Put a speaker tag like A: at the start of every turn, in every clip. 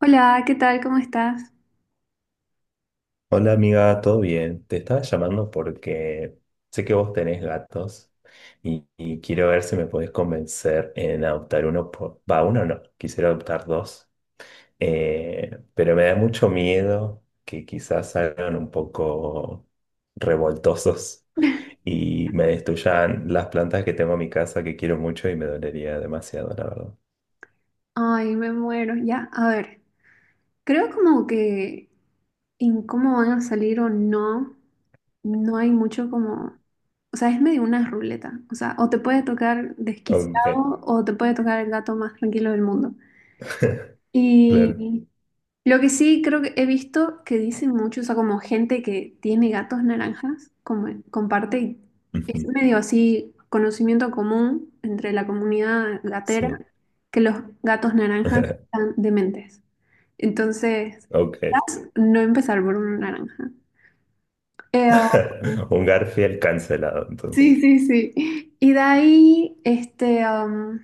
A: Hola, ¿qué tal? ¿Cómo estás?
B: Hola amiga, ¿todo bien? Te estaba llamando porque sé que vos tenés gatos y quiero ver si me podés convencer en adoptar uno, va, uno no, quisiera adoptar dos. Pero me da mucho miedo que quizás salgan un poco revoltosos y me destruyan las plantas que tengo en mi casa que quiero mucho y me dolería demasiado, la verdad.
A: Ay, me muero. Ya, a ver, creo como que en cómo van a salir o no, no hay mucho como, o sea, es medio una ruleta. O sea, o te puede tocar desquiciado
B: Ok.
A: o te puede tocar el gato más tranquilo del mundo. Mm.
B: Claro.
A: Y lo que sí creo que he visto que dicen mucho, o sea, como gente que tiene gatos naranjas, como comparte, y
B: Ujú.
A: es medio así conocimiento común entre la comunidad gatera,
B: Sí.
A: que los gatos naranjas están dementes. Entonces,
B: Ok.
A: no empezar por uno naranja. Eh, um,
B: Un Garfield cancelado,
A: sí,
B: entonces.
A: sí, sí. Y de ahí, este,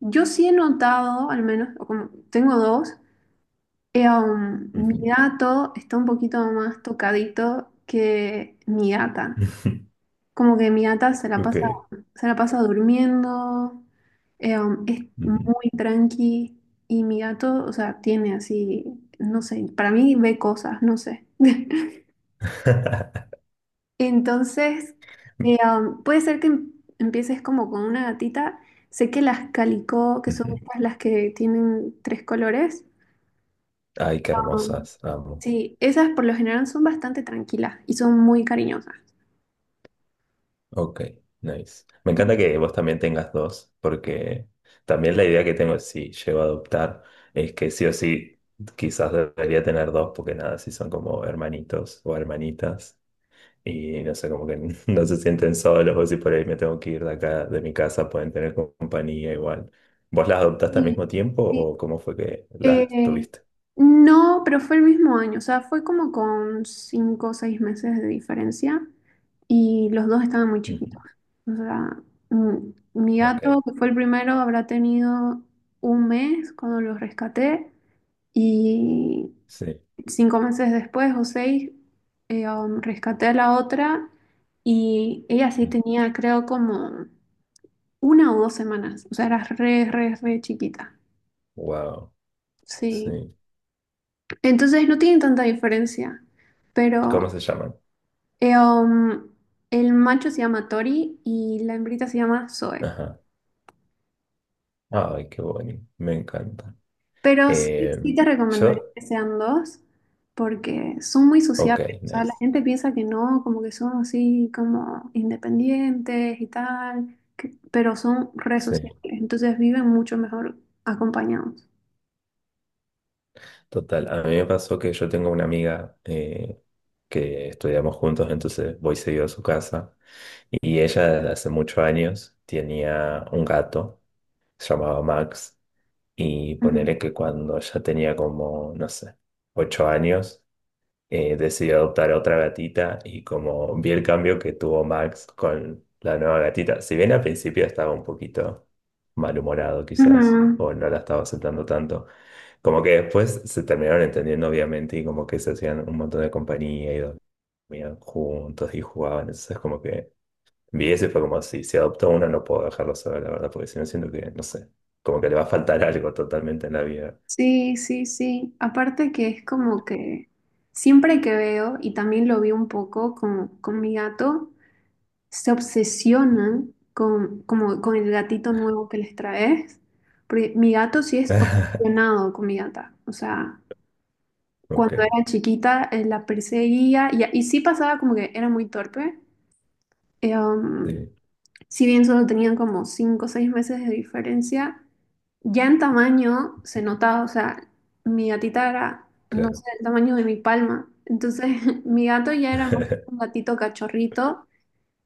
A: yo sí he notado, al menos, o como tengo dos. Mi
B: Ujú.
A: gato está un poquito más tocadito que mi gata. Como que mi gata
B: Ok.
A: se la pasa durmiendo, es
B: Ujú.
A: muy tranqui, y mi gato, o sea, tiene así, no sé, para mí ve cosas, no sé. Entonces, puede ser que empieces como con una gatita. Sé que las calicó, que son
B: Ujú.
A: estas las que tienen tres colores.
B: Ay, qué
A: um,
B: hermosas, amo.
A: Sí, esas por lo general son bastante tranquilas y son muy cariñosas.
B: Ok, nice. Me encanta que vos también tengas dos, porque también la idea que tengo, si llego a adoptar, es que sí o sí, quizás debería tener dos, porque nada, si son como hermanitos o hermanitas. Y no sé, como que no se sienten solos, o si por ahí me tengo que ir de acá, de mi casa, pueden tener compañía igual. ¿Vos las adoptaste al
A: Sí,
B: mismo tiempo
A: sí.
B: o cómo fue que las
A: Eh,
B: tuviste?
A: no, pero fue el mismo año, o sea, fue como con 5 o 6 meses de diferencia y los dos estaban muy chiquitos.
B: Ujú,
A: O sea, mm, mi
B: ok,
A: gato, que fue el primero, habrá tenido un mes cuando los rescaté, y
B: sí.
A: 5 meses después o seis rescaté a la otra, y ella sí tenía, creo, como 1 o 2 semanas, o sea, era re, re, re chiquita.
B: Wow,
A: Sí.
B: sí.
A: Entonces no tienen tanta diferencia,
B: ¿Y cómo
A: pero
B: se llaman?
A: eh, um, el macho se llama Tori y la hembrita se llama Zoe.
B: Ajá. Ay, qué bonito, me encanta.
A: Pero sí,
B: Eh,
A: sí te recomendaría
B: yo,
A: que sean dos porque son muy
B: ok,
A: sociables. O sea, la
B: nice.
A: gente piensa que no, como que son así como independientes y tal, que- pero son re
B: Sí.
A: sociables. Entonces viven mucho mejor acompañados.
B: Total, a mí me pasó que yo tengo una amiga que estudiamos juntos, entonces voy seguido a su casa y ella desde hace muchos años tenía un gato, se llamaba Max, y
A: Ujú.
B: ponele que cuando ya tenía como, no sé, 8 años, decidí adoptar a otra gatita y como vi el cambio que tuvo Max con la nueva gatita, si bien al principio estaba un poquito malhumorado quizás,
A: Ujú.
B: o no la estaba aceptando tanto, como que después se terminaron entendiendo obviamente y como que se hacían un montón de compañía y dormían juntos y jugaban, entonces como que vi eso y fue como si adopto una no puedo dejarlo sola, la verdad, porque si no siento que, no sé, como que le va a faltar algo totalmente en la vida.
A: Sí, sí, sí. Aparte que es como que siempre que veo, y también lo vi un poco con mi gato, se obsesionan con, como, con el gatito nuevo que les traes. Porque mi gato sí es obsesionado con mi gata. O sea, cuando
B: Ok,
A: era chiquita, la perseguía y sí pasaba como que era muy torpe. Eh, um,
B: sí,
A: si bien solo tenían como 5 o 6 meses de diferencia, ya en tamaño se notaba, o sea, mi gatita era, no sé,
B: claro.
A: el tamaño de mi palma. Entonces, mi gato ya era más un gatito cachorrito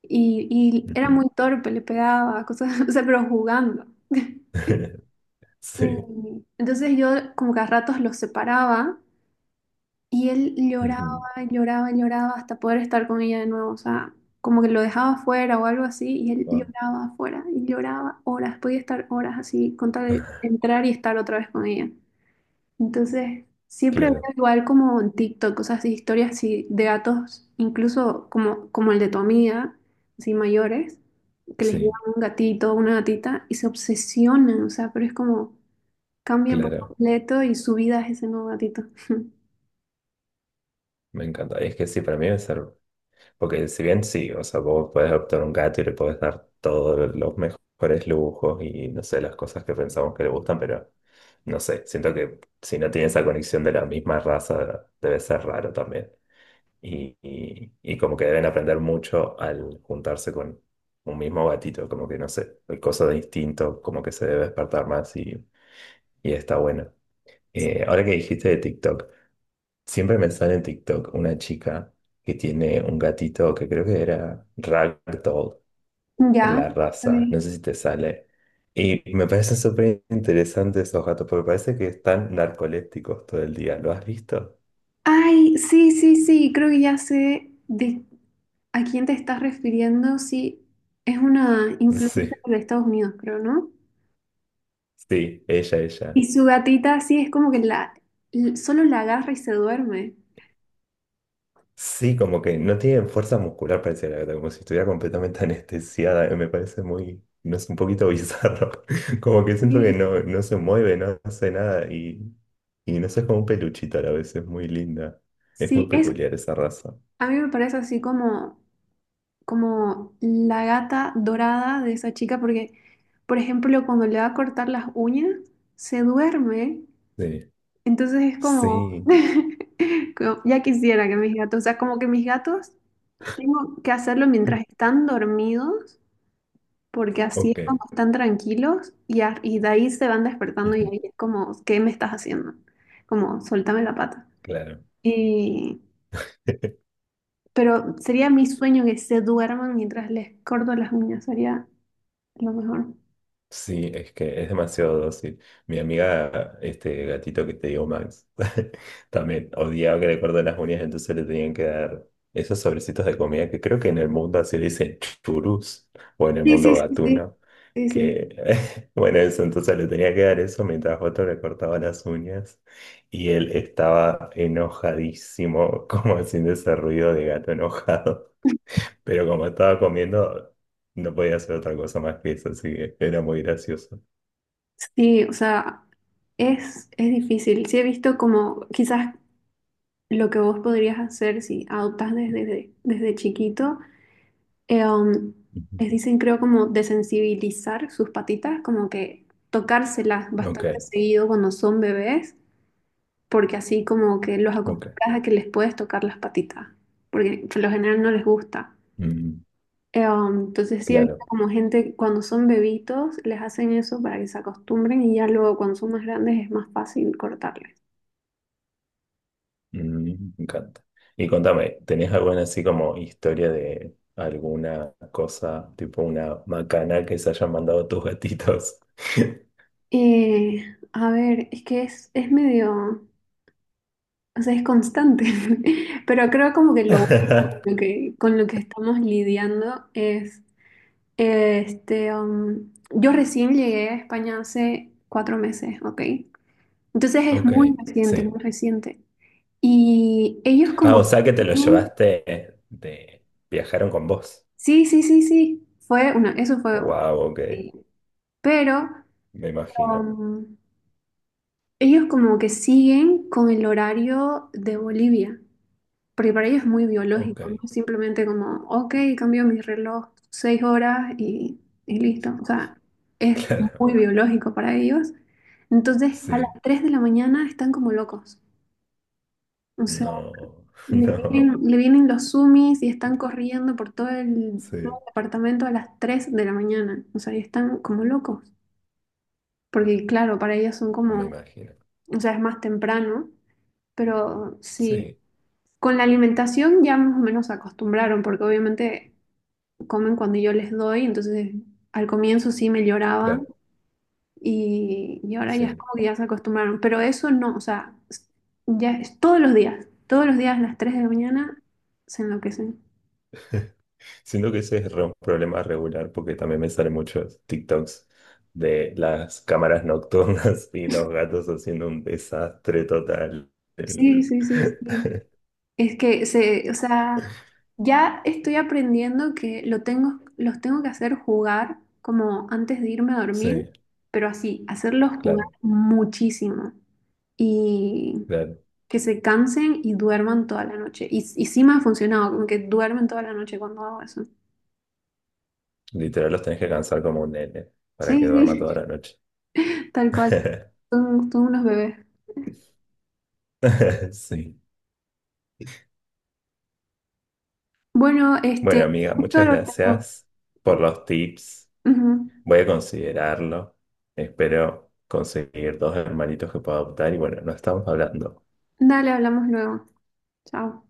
A: y era
B: Ujú.
A: muy torpe, le pegaba, cosas, o sea, pero jugando.
B: Sí.
A: Y Entonces yo como que a ratos los separaba, y él lloraba,
B: Ujú.
A: lloraba, lloraba hasta poder estar con ella de nuevo. O sea, como que lo dejaba afuera o algo así, y él
B: Ah,
A: lloraba afuera, y lloraba horas, podía estar horas así, con tal de entrar y estar otra vez con ella. Entonces, siempre veo
B: claro,
A: igual como en TikTok, cosas así, historias así de gatos, incluso como, como el de tu amiga, así mayores, que les llevan
B: sí,
A: un gatito, una gatita, y se obsesionan, o sea, pero es como cambian por
B: claro.
A: completo y su vida es ese nuevo gatito.
B: Me encanta. Es que sí, para mí debe ser. Porque si bien sí, o sea, vos podés adoptar un gato y le podés dar todos los mejores lujos y no sé, las cosas que pensamos que le gustan, pero no sé, siento que si no tiene esa conexión de la misma raza, debe ser raro también. Y como que deben aprender mucho al juntarse con un mismo gatito, como que no sé, hay cosas de instinto, como que se debe despertar más y está bueno. Ahora que dijiste de TikTok, siempre me sale en TikTok una chica que tiene un gatito que creo que era Ragdoll,
A: Ya.
B: la raza,
A: Ok.
B: no sé si te sale. Y me parecen súper interesantes esos gatos, porque parece que están narcolépticos todo el día. ¿Lo has visto?
A: Ay, sí, sí, sí, creo que ya sé de a quién te estás refiriendo. Sí, es una influencer
B: Sí,
A: de Estados Unidos, creo, ¿no?
B: sí, ella,
A: Y
B: ella.
A: su gatita, sí, es como que la, solo la agarra y se duerme.
B: Sí, como que no tiene fuerza muscular, parece la gata, como si estuviera completamente anestesiada. Me parece muy, no es un poquito bizarro. Como que siento que
A: Sí,
B: no, no se mueve, no hace nada y, y no sé, es como un peluchito a la vez, es muy linda. Es muy
A: sí, es,
B: peculiar esa raza.
A: a mí me parece así como, como la gata dorada de esa chica, porque, por ejemplo, cuando le va a cortar las uñas, se duerme.
B: Sí,
A: Entonces es como,
B: sí,
A: como, ya quisiera que mis gatos, o sea, como que mis gatos. Tengo que hacerlo mientras están dormidos, porque así es
B: ok,
A: como están tranquilos, y, y de ahí se van despertando y ahí
B: ujú,
A: es como, ¿qué me estás haciendo? Como, suéltame la pata.
B: claro.
A: Y, pero sería mi sueño que se duerman mientras les corto las uñas, sería lo mejor.
B: Sí, es que es demasiado dócil. Mi amiga, este gatito que te digo, Max, también odiaba que le corten las uñas, entonces le tenían que dar esos sobrecitos de comida que creo que en el mundo así le dicen churus o en el
A: Sí,
B: mundo
A: sí, sí, sí,
B: gatuno,
A: sí, sí.
B: que bueno, eso, entonces le tenía que dar eso mientras otro le cortaba las uñas y él estaba enojadísimo, como haciendo ese ruido de gato enojado, pero como estaba comiendo... No podía hacer otra cosa más que eso, así que era muy gracioso.
A: Sí, o sea, es difícil. Sí he visto como quizás lo que vos podrías hacer si adoptas desde, desde chiquito eh, um,
B: Ujú.
A: les dicen, creo, como desensibilizar sus patitas, como que tocárselas bastante
B: Ok,
A: seguido cuando son bebés, porque así como que los acostumbras
B: ok.
A: a que les puedes tocar las patitas, porque por lo general no les gusta.
B: Mm,
A: Entonces sí, he visto
B: claro.
A: como gente cuando son bebitos les hacen eso para que se acostumbren, y ya luego cuando son más grandes es más fácil cortarles.
B: Mm, me encanta. Y contame, ¿tenés alguna así como historia de alguna cosa, tipo una macana que se hayan mandado tus gatitos?
A: Eh, a ver, es que es medio... O sea, es constante, pero creo como que lo único con lo que estamos lidiando es, este, yo recién llegué a España hace 4 meses, ¿ok? Entonces es
B: Ok,
A: muy reciente, muy
B: sí.
A: reciente. Y ellos
B: Ah,
A: como,
B: o
A: que-
B: sea que te lo llevaste de... Viajaron con vos.
A: sí, sí, sí, sí, fue una, eso fue una
B: Wow, ok,
A: tontería. Pero
B: me imagino.
A: um, ellos como que siguen con el horario de Bolivia. Porque para ellos es muy
B: Ok,
A: biológico, no es simplemente como, ok, cambio mi reloj 6 horas y listo. O sea, es muy
B: claro,
A: biológico para ellos. Entonces, a las
B: sí.
A: 3 de la mañana están como locos. O sea,
B: No, no,
A: le vienen los sumis y están corriendo por todo
B: sí,
A: el departamento a las 3 de la mañana. O sea, y están como locos. Porque, claro, para ellos son
B: me
A: como,
B: imagino.
A: o sea, es más temprano, pero sí.
B: Sí,
A: Con la alimentación ya más o menos se acostumbraron, porque obviamente comen cuando yo les doy, entonces al comienzo sí me lloraban,
B: claro,
A: y ahora ya es
B: sí.
A: como que ya se acostumbraron, pero eso no, o sea, ya es todos los días a las 3 de la mañana se enloquecen.
B: Siento que ese es un problema regular porque también me salen muchos TikToks de las cámaras nocturnas y los gatos haciendo un desastre total. El-
A: Sí, sí, sí, sí. Es que se, o sea, ya estoy aprendiendo que lo tengo, los tengo que hacer jugar como antes de irme a dormir,
B: Sí,
A: pero así, hacerlos jugar
B: claro,
A: muchísimo y
B: claro.
A: que se cansen y duerman toda la noche. Y sí me ha funcionado, como que duermen toda la noche cuando hago eso.
B: Literal los tenés que cansar como un nene para que
A: Sí,
B: duerma toda
A: sí,
B: la noche.
A: tal cual. Son, son unos bebés.
B: Sí.
A: Bueno, este,
B: Bueno, amiga,
A: justo
B: muchas
A: lo tengo.
B: gracias por los tips.
A: Ujú.
B: Voy a considerarlo. Espero conseguir dos hermanitos que pueda adoptar y bueno, nos estamos hablando.
A: Dale, hablamos luego. Chao.